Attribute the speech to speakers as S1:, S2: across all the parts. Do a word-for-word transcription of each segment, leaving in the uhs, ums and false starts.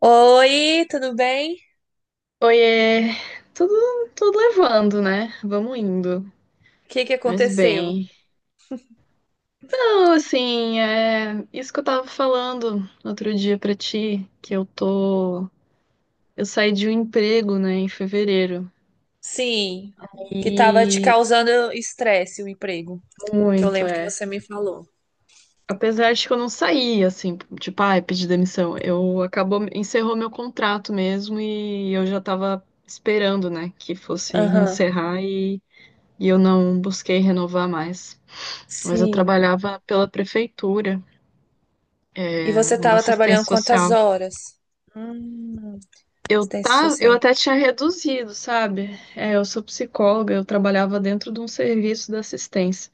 S1: Oi, tudo bem?
S2: Oiê, tudo, tudo levando, né? Vamos indo.
S1: O que que
S2: Mas
S1: aconteceu?
S2: bem. Não, assim, é isso que eu tava falando no outro dia pra ti, que eu tô. Eu saí de um emprego, né, em fevereiro.
S1: Sim, que tava te
S2: E
S1: causando estresse o emprego, que eu
S2: muito,
S1: lembro que
S2: é.
S1: você me falou.
S2: Apesar de que eu não saí, assim, tipo, ai, pedi demissão. Eu acabou, encerrou meu contrato mesmo e eu já tava esperando, né, que fosse
S1: Aham,
S2: encerrar e, e eu não busquei renovar mais. Mas eu
S1: sim.
S2: trabalhava pela prefeitura,
S1: E
S2: é,
S1: você
S2: na
S1: tava trabalhando
S2: assistência
S1: quantas
S2: social.
S1: horas? Hum,
S2: Eu,
S1: assistência
S2: tá, eu
S1: social.
S2: até tinha reduzido, sabe? É, eu sou psicóloga, eu trabalhava dentro de um serviço de assistência.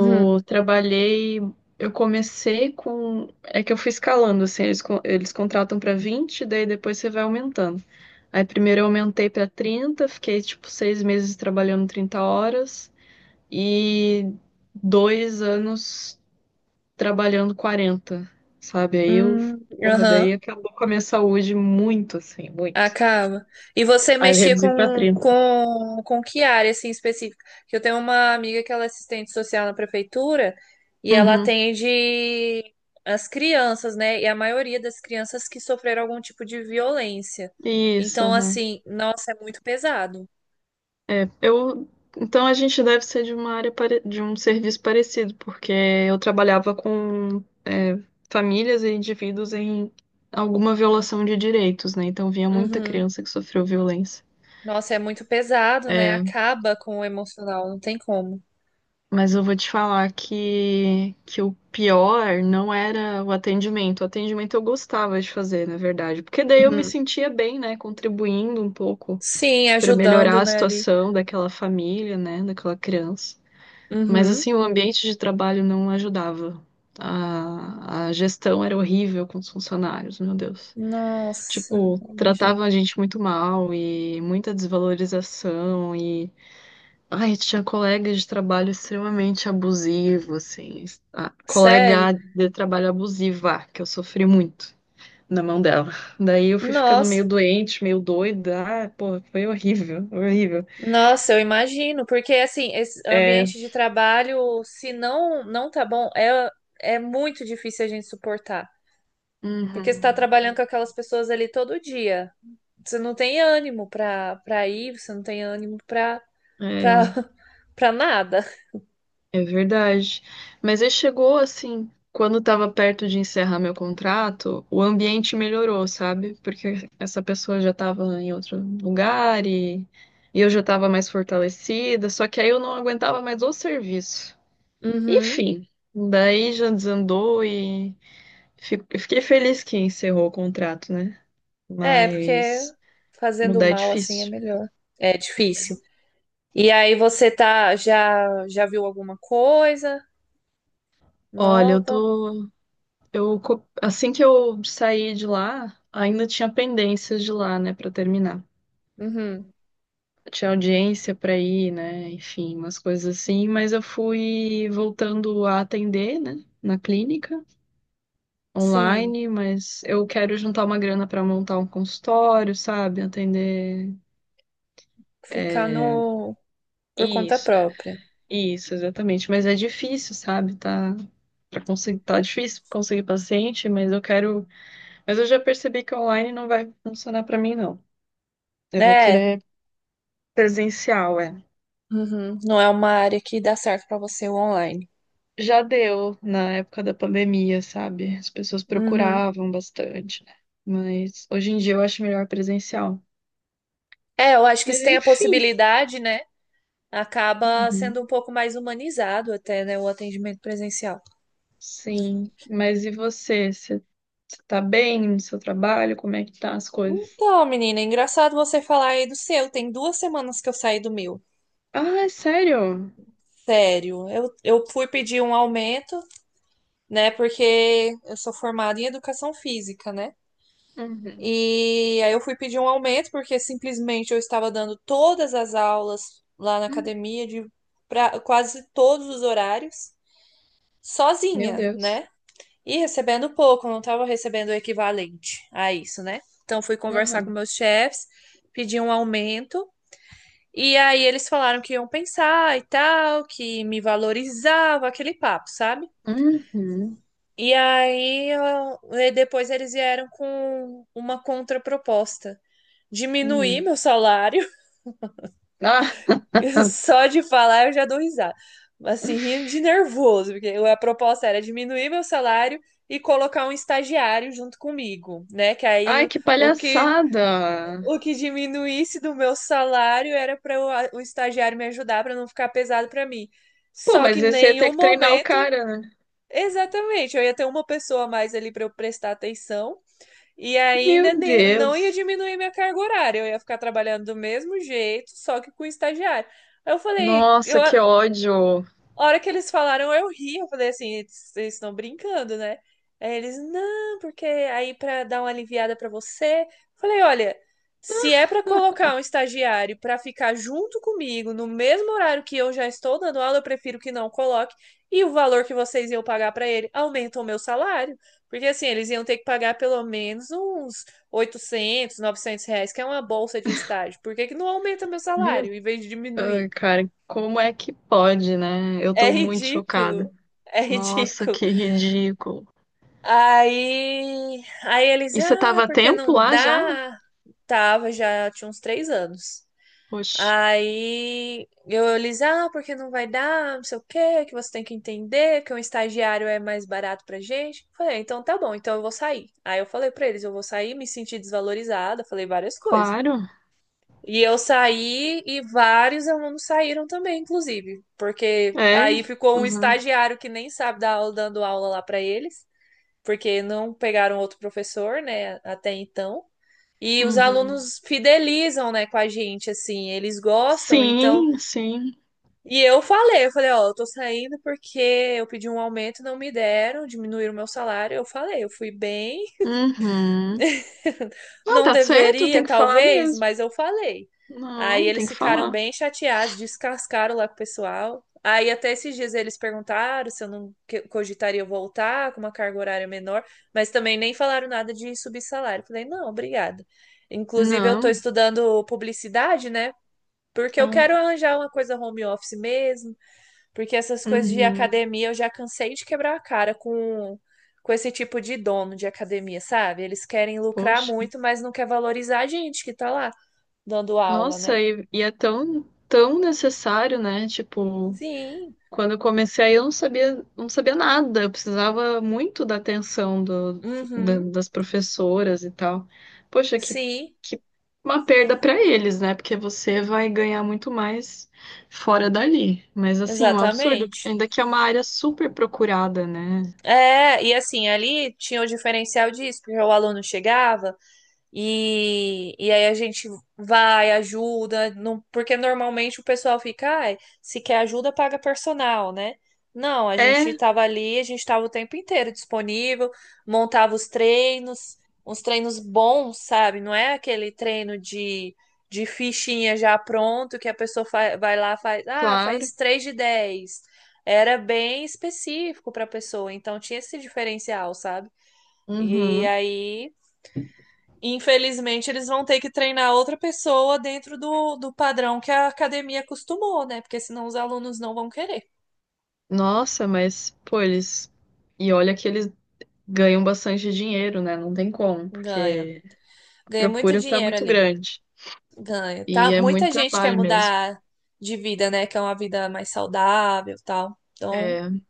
S1: Uhum.
S2: trabalhei, eu comecei com. É que eu fui escalando, assim, eles, con- eles contratam para vinte, daí depois você vai aumentando. Aí primeiro eu aumentei para trinta, fiquei tipo seis meses trabalhando trinta horas e dois anos trabalhando quarenta, sabe? Aí eu,
S1: Hum,
S2: porra,
S1: aham.
S2: daí acabou com a minha saúde muito, assim, muito.
S1: Acaba. E você
S2: Aí eu
S1: mexia
S2: reduzi pra
S1: com,
S2: trinta.
S1: com, com que área, assim, específica? Que eu tenho uma amiga que ela é assistente social na prefeitura e ela
S2: Uhum.
S1: atende as crianças, né? E a maioria das crianças que sofreram algum tipo de violência.
S2: Isso,
S1: Então,
S2: uhum.
S1: assim, nossa, é muito pesado.
S2: É, eu. Então a gente deve ser de uma área pare- de um serviço parecido, porque eu trabalhava com é, famílias e indivíduos em alguma violação de direitos, né? Então vinha muita
S1: Uhum.
S2: criança que sofreu violência.
S1: Nossa, é muito pesado, né?
S2: É,
S1: Acaba com o emocional, não tem como.
S2: mas eu vou te falar que, que o pior não era o atendimento. O atendimento eu gostava de fazer, na verdade, porque daí eu me
S1: Uhum.
S2: sentia bem, né, contribuindo um pouco
S1: Sim,
S2: para
S1: ajudando,
S2: melhorar a
S1: né, ali.
S2: situação daquela família, né, daquela criança. Mas
S1: Uhum.
S2: assim, o ambiente de trabalho não ajudava. A, a gestão era horrível com os funcionários, meu Deus.
S1: Nossa,
S2: Tipo,
S1: imagina.
S2: tratavam a gente muito mal e muita desvalorização e ai, tinha colegas de trabalho extremamente abusivo, assim. A
S1: Sério?
S2: colega de trabalho abusiva, que eu sofri muito na mão dela. Daí eu fui ficando meio
S1: Nossa.
S2: doente, meio doida. Ah, pô, foi horrível, horrível.
S1: Nossa, eu imagino, porque assim, esse
S2: É,
S1: ambiente de trabalho, se não não tá bom, é, é muito difícil a gente suportar. Porque você tá
S2: uhum.
S1: trabalhando com aquelas pessoas ali todo dia. Você não tem ânimo pra, pra ir, você não tem ânimo pra, pra,
S2: É,
S1: pra nada.
S2: é verdade. Mas aí chegou assim, quando estava perto de encerrar meu contrato, o ambiente melhorou, sabe? Porque essa pessoa já estava em outro lugar e, e eu já estava mais fortalecida, só que aí eu não aguentava mais o serviço.
S1: Uhum.
S2: Enfim, daí já desandou e fi- eu fiquei feliz que encerrou o contrato, né?
S1: É, porque
S2: Mas
S1: fazendo
S2: mudar é
S1: mal assim é
S2: difícil.
S1: melhor. É difícil. E aí você tá, já, já viu alguma coisa
S2: Olha, eu
S1: nova?
S2: tô. Eu, co- assim que eu saí de lá, ainda tinha pendências de lá, né, pra terminar.
S1: Uhum.
S2: Tinha audiência pra ir, né, enfim, umas coisas assim, mas eu fui voltando a atender, né, na clínica,
S1: Sim,
S2: online, mas eu quero juntar uma grana pra montar um consultório, sabe, atender.
S1: ficar
S2: É...
S1: no. Por conta
S2: Isso,
S1: própria.
S2: isso, exatamente. Mas é difícil, sabe, tá. Pra conseguir, tá difícil conseguir paciente, mas eu quero. Mas eu já percebi que online não vai funcionar pra mim, não. Eu vou
S1: É,
S2: querer presencial, é.
S1: uhum, não é uma área que dá certo para você o online.
S2: Já deu na época da pandemia, sabe? As pessoas
S1: Uhum.
S2: procuravam bastante, né? Mas hoje em dia eu acho melhor presencial.
S1: É, eu acho que
S2: Mas
S1: se tem a
S2: enfim.
S1: possibilidade, né? Acaba sendo
S2: Uhum.
S1: um pouco mais humanizado até, né, o atendimento presencial.
S2: Sim. Mas e você? Você tá bem no seu trabalho? Como é que tá as coisas?
S1: Então, menina, é engraçado você falar aí do seu. Tem duas semanas que eu saí do meu.
S2: Ah, é sério?
S1: Sério, eu, eu fui pedir um aumento, né? Porque eu sou formada em educação física, né?
S2: Uhum.
S1: E aí eu fui pedir um aumento, porque simplesmente eu estava dando todas as aulas lá na
S2: Hum,
S1: academia, de pra- quase todos os horários,
S2: meu
S1: sozinha,
S2: Deus.
S1: né? E recebendo pouco, eu não estava recebendo o equivalente a isso, né? Então fui conversar com
S2: Uhum.
S1: meus chefes, pedi um aumento, e aí eles falaram que iam pensar e tal, que me valorizava, aquele papo, sabe?
S2: Uhum.
S1: E aí eu- e depois eles vieram com uma contraproposta. Diminuir
S2: Uhum.
S1: meu salário.
S2: Ah,
S1: Só de falar eu já dou risada. Assim, rindo de nervoso, porque a proposta era diminuir meu salário e colocar um estagiário junto comigo, né? Que aí
S2: ai,
S1: o
S2: que
S1: o que
S2: palhaçada!
S1: o que diminuísse do meu salário era para o estagiário me ajudar para não ficar pesado para mim.
S2: Pô,
S1: Só que
S2: mas
S1: em
S2: você ia ter
S1: nenhum
S2: que treinar o
S1: momento,
S2: cara, né?
S1: exatamente, eu ia ter uma pessoa a mais ali para eu prestar atenção. E ainda
S2: Meu
S1: ne- não ia
S2: Deus.
S1: diminuir minha carga horária, eu ia ficar trabalhando do mesmo jeito, só que com estagiário. Aí Eu falei, eu,
S2: Nossa, que ódio.
S1: A hora que eles falaram, eu ri, eu falei assim, eles eles estão brincando, né? Aí eles, não, porque aí pra dar uma aliviada pra você. Falei, olha, se é pra colocar um estagiário pra ficar junto comigo no mesmo horário que eu já estou dando aula, eu prefiro que não coloque. E o valor que vocês iam pagar pra ele aumenta o meu salário. Porque assim, eles iam ter que pagar pelo menos uns oitocentos, novecentos reais, que é uma bolsa de estágio. Por que que não aumenta meu
S2: Meu,
S1: salário em vez de
S2: ai,
S1: diminuir?
S2: cara, como é que pode, né? Eu
S1: É
S2: tô muito chocada.
S1: ridículo. É
S2: Nossa,
S1: ridículo.
S2: que ridículo.
S1: Aí, aí eles,
S2: E você
S1: ah,
S2: tava a
S1: porque
S2: tempo
S1: não
S2: lá já?
S1: dá? Tava, já tinha uns três anos.
S2: Poxa,
S1: Aí eu, eles, ah, porque não vai dar, não sei o quê, que você tem que entender que um estagiário é mais barato pra gente. Falei: "Ah, então tá bom, então eu vou sair." Aí eu falei pra eles, eu vou sair, me senti desvalorizada, falei várias coisas.
S2: claro.
S1: E eu saí e vários alunos saíram também, inclusive, porque
S2: É.
S1: aí ficou um
S2: Uhum,
S1: estagiário que nem sabe dar aula, dando aula lá para eles, porque não pegaram outro professor, né, até então. E os
S2: uhum.
S1: alunos fidelizam, né, com a gente, assim, eles gostam, então.
S2: Sim, sim.
S1: E eu falei, eu falei, ó, eu tô saindo porque eu pedi um aumento, não me deram, diminuíram o meu salário. Eu falei, eu fui bem.
S2: Uhum. Não,
S1: Não
S2: tá certo,
S1: deveria,
S2: tem que falar
S1: talvez,
S2: mesmo.
S1: mas eu falei. Aí
S2: Não, tem
S1: eles
S2: que
S1: ficaram
S2: falar.
S1: bem chateados, descascaram lá com o pessoal. Aí até esses dias eles perguntaram se eu não que- cogitaria voltar com uma carga horária menor, mas também nem falaram nada de subir salário. Falei, não, obrigada. Inclusive, eu estou
S2: Não.
S1: estudando publicidade, né? Porque eu
S2: Ah,
S1: quero arranjar uma coisa home office mesmo. Porque essas coisas de
S2: uhum.
S1: academia eu já cansei de quebrar a cara com, com esse tipo de dono de academia, sabe? Eles querem lucrar
S2: Poxa.
S1: muito, mas não quer valorizar a gente que tá lá dando aula, né?
S2: Nossa, e, e é tão, tão necessário, né? Tipo,
S1: Sim.
S2: quando eu comecei aí, eu não sabia, não sabia nada. Eu precisava muito da atenção do, da-
S1: Uhum.
S2: das professoras e tal. Poxa, que,
S1: Sim,
S2: que uma perda para eles, né? Porque você vai ganhar muito mais fora dali. Mas assim, um absurdo, porque
S1: exatamente.
S2: ainda que é uma área super procurada, né?
S1: É, e assim, ali tinha o diferencial disso, porque o aluno chegava, E, e aí a gente vai, ajuda, não, porque normalmente o pessoal fica, ai, se quer ajuda, paga personal, né? Não, a gente
S2: É,
S1: estava ali, a gente estava o tempo inteiro disponível, montava os treinos, uns treinos bons, sabe? Não é aquele treino de, de fichinha já pronto que a pessoa fa- vai lá faz, ah,
S2: claro.
S1: faz três de dez. Era bem específico para a pessoa, então tinha esse diferencial, sabe? E
S2: Uhum.
S1: aí, infelizmente, eles vão ter que treinar outra pessoa dentro do, do padrão que a academia acostumou, né? Porque senão os alunos não vão querer.
S2: Nossa, mas, pô, eles. E olha que eles ganham bastante dinheiro, né? Não tem como,
S1: Ganha.
S2: porque a
S1: Ganha muito
S2: procura tá
S1: dinheiro
S2: muito
S1: ali.
S2: grande.
S1: Ganha. Tá?
S2: E é muito
S1: Muita gente quer
S2: trabalho mesmo.
S1: mudar de vida, né? Quer uma vida mais saudável e tal. Então,
S2: É.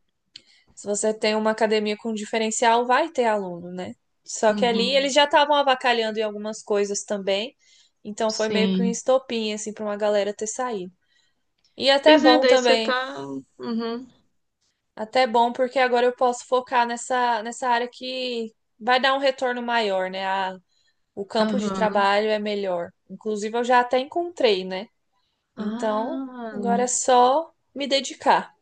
S1: se você tem uma academia com diferencial, vai ter aluno, né? Só que ali eles
S2: Uhum.
S1: já estavam avacalhando em algumas coisas também. Então foi meio que um
S2: Sim.
S1: estopim, assim, pra uma galera ter saído. E até
S2: Pois é,
S1: bom
S2: daí você
S1: também.
S2: tá. Uhum.
S1: Até bom, porque agora eu posso focar nessa, nessa área que vai dar um retorno maior, né? A- o campo de
S2: Aham.
S1: trabalho é melhor. Inclusive, eu já até encontrei, né? Então,
S2: Ah.
S1: agora é só me dedicar.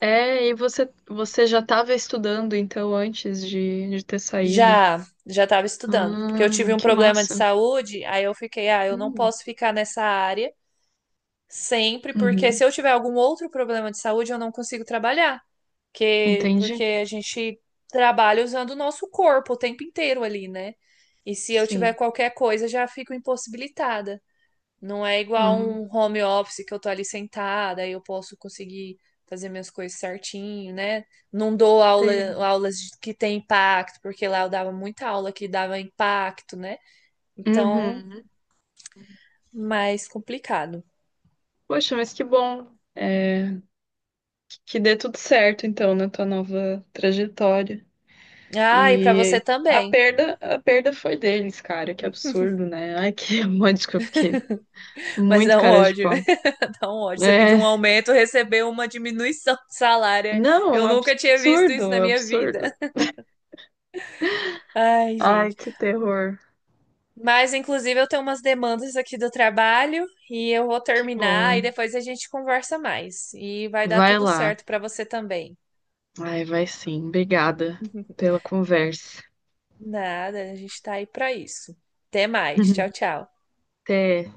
S2: É, e você, você já estava estudando então antes de, de ter saído.
S1: Já, já estava estudando, porque eu
S2: Ah,
S1: tive um
S2: que
S1: problema de
S2: massa.
S1: saúde, aí eu fiquei, ah, eu não
S2: Hum.
S1: posso ficar nessa área sempre, porque
S2: Uhum.
S1: se eu tiver algum outro problema de saúde, eu não consigo trabalhar. Que, porque
S2: Entendi.
S1: a gente trabalha usando o nosso corpo o tempo inteiro ali, né? E se eu tiver
S2: Sim.
S1: qualquer coisa, já fico impossibilitada. Não é igual
S2: Hum.
S1: um home office que eu tô ali sentada e eu posso conseguir fazer minhas coisas certinho, né? Não dou aula,
S2: Sei.
S1: aulas de- que tem impacto, porque lá eu dava muita aula que dava impacto, né? Então,
S2: Uhum.
S1: mais complicado.
S2: Poxa, mas que bom. É, que dê tudo certo então na tua nova trajetória.
S1: Ah, e pra você
S2: E a
S1: também.
S2: perda, a perda foi deles, cara. Que absurdo, né? Ai, que monte que eu fiquei.
S1: Mas
S2: Muito
S1: não
S2: cara de
S1: ódio.
S2: pau.
S1: Então, ótimo. Você pediu
S2: É,
S1: um aumento, recebeu uma diminuição de salário.
S2: não,
S1: Eu nunca tinha visto
S2: absurdo,
S1: isso na minha vida.
S2: absurdo.
S1: Ai,
S2: Ai,
S1: gente.
S2: que terror.
S1: Mas, inclusive, eu tenho umas demandas aqui do trabalho e eu vou
S2: Que
S1: terminar e
S2: bom.
S1: depois a gente conversa mais. E vai dar
S2: Vai
S1: tudo
S2: lá.
S1: certo para você também.
S2: Ai, vai sim. Obrigada pela conversa.
S1: Nada, a gente tá aí para isso. Até mais. Tchau, tchau.
S2: Até.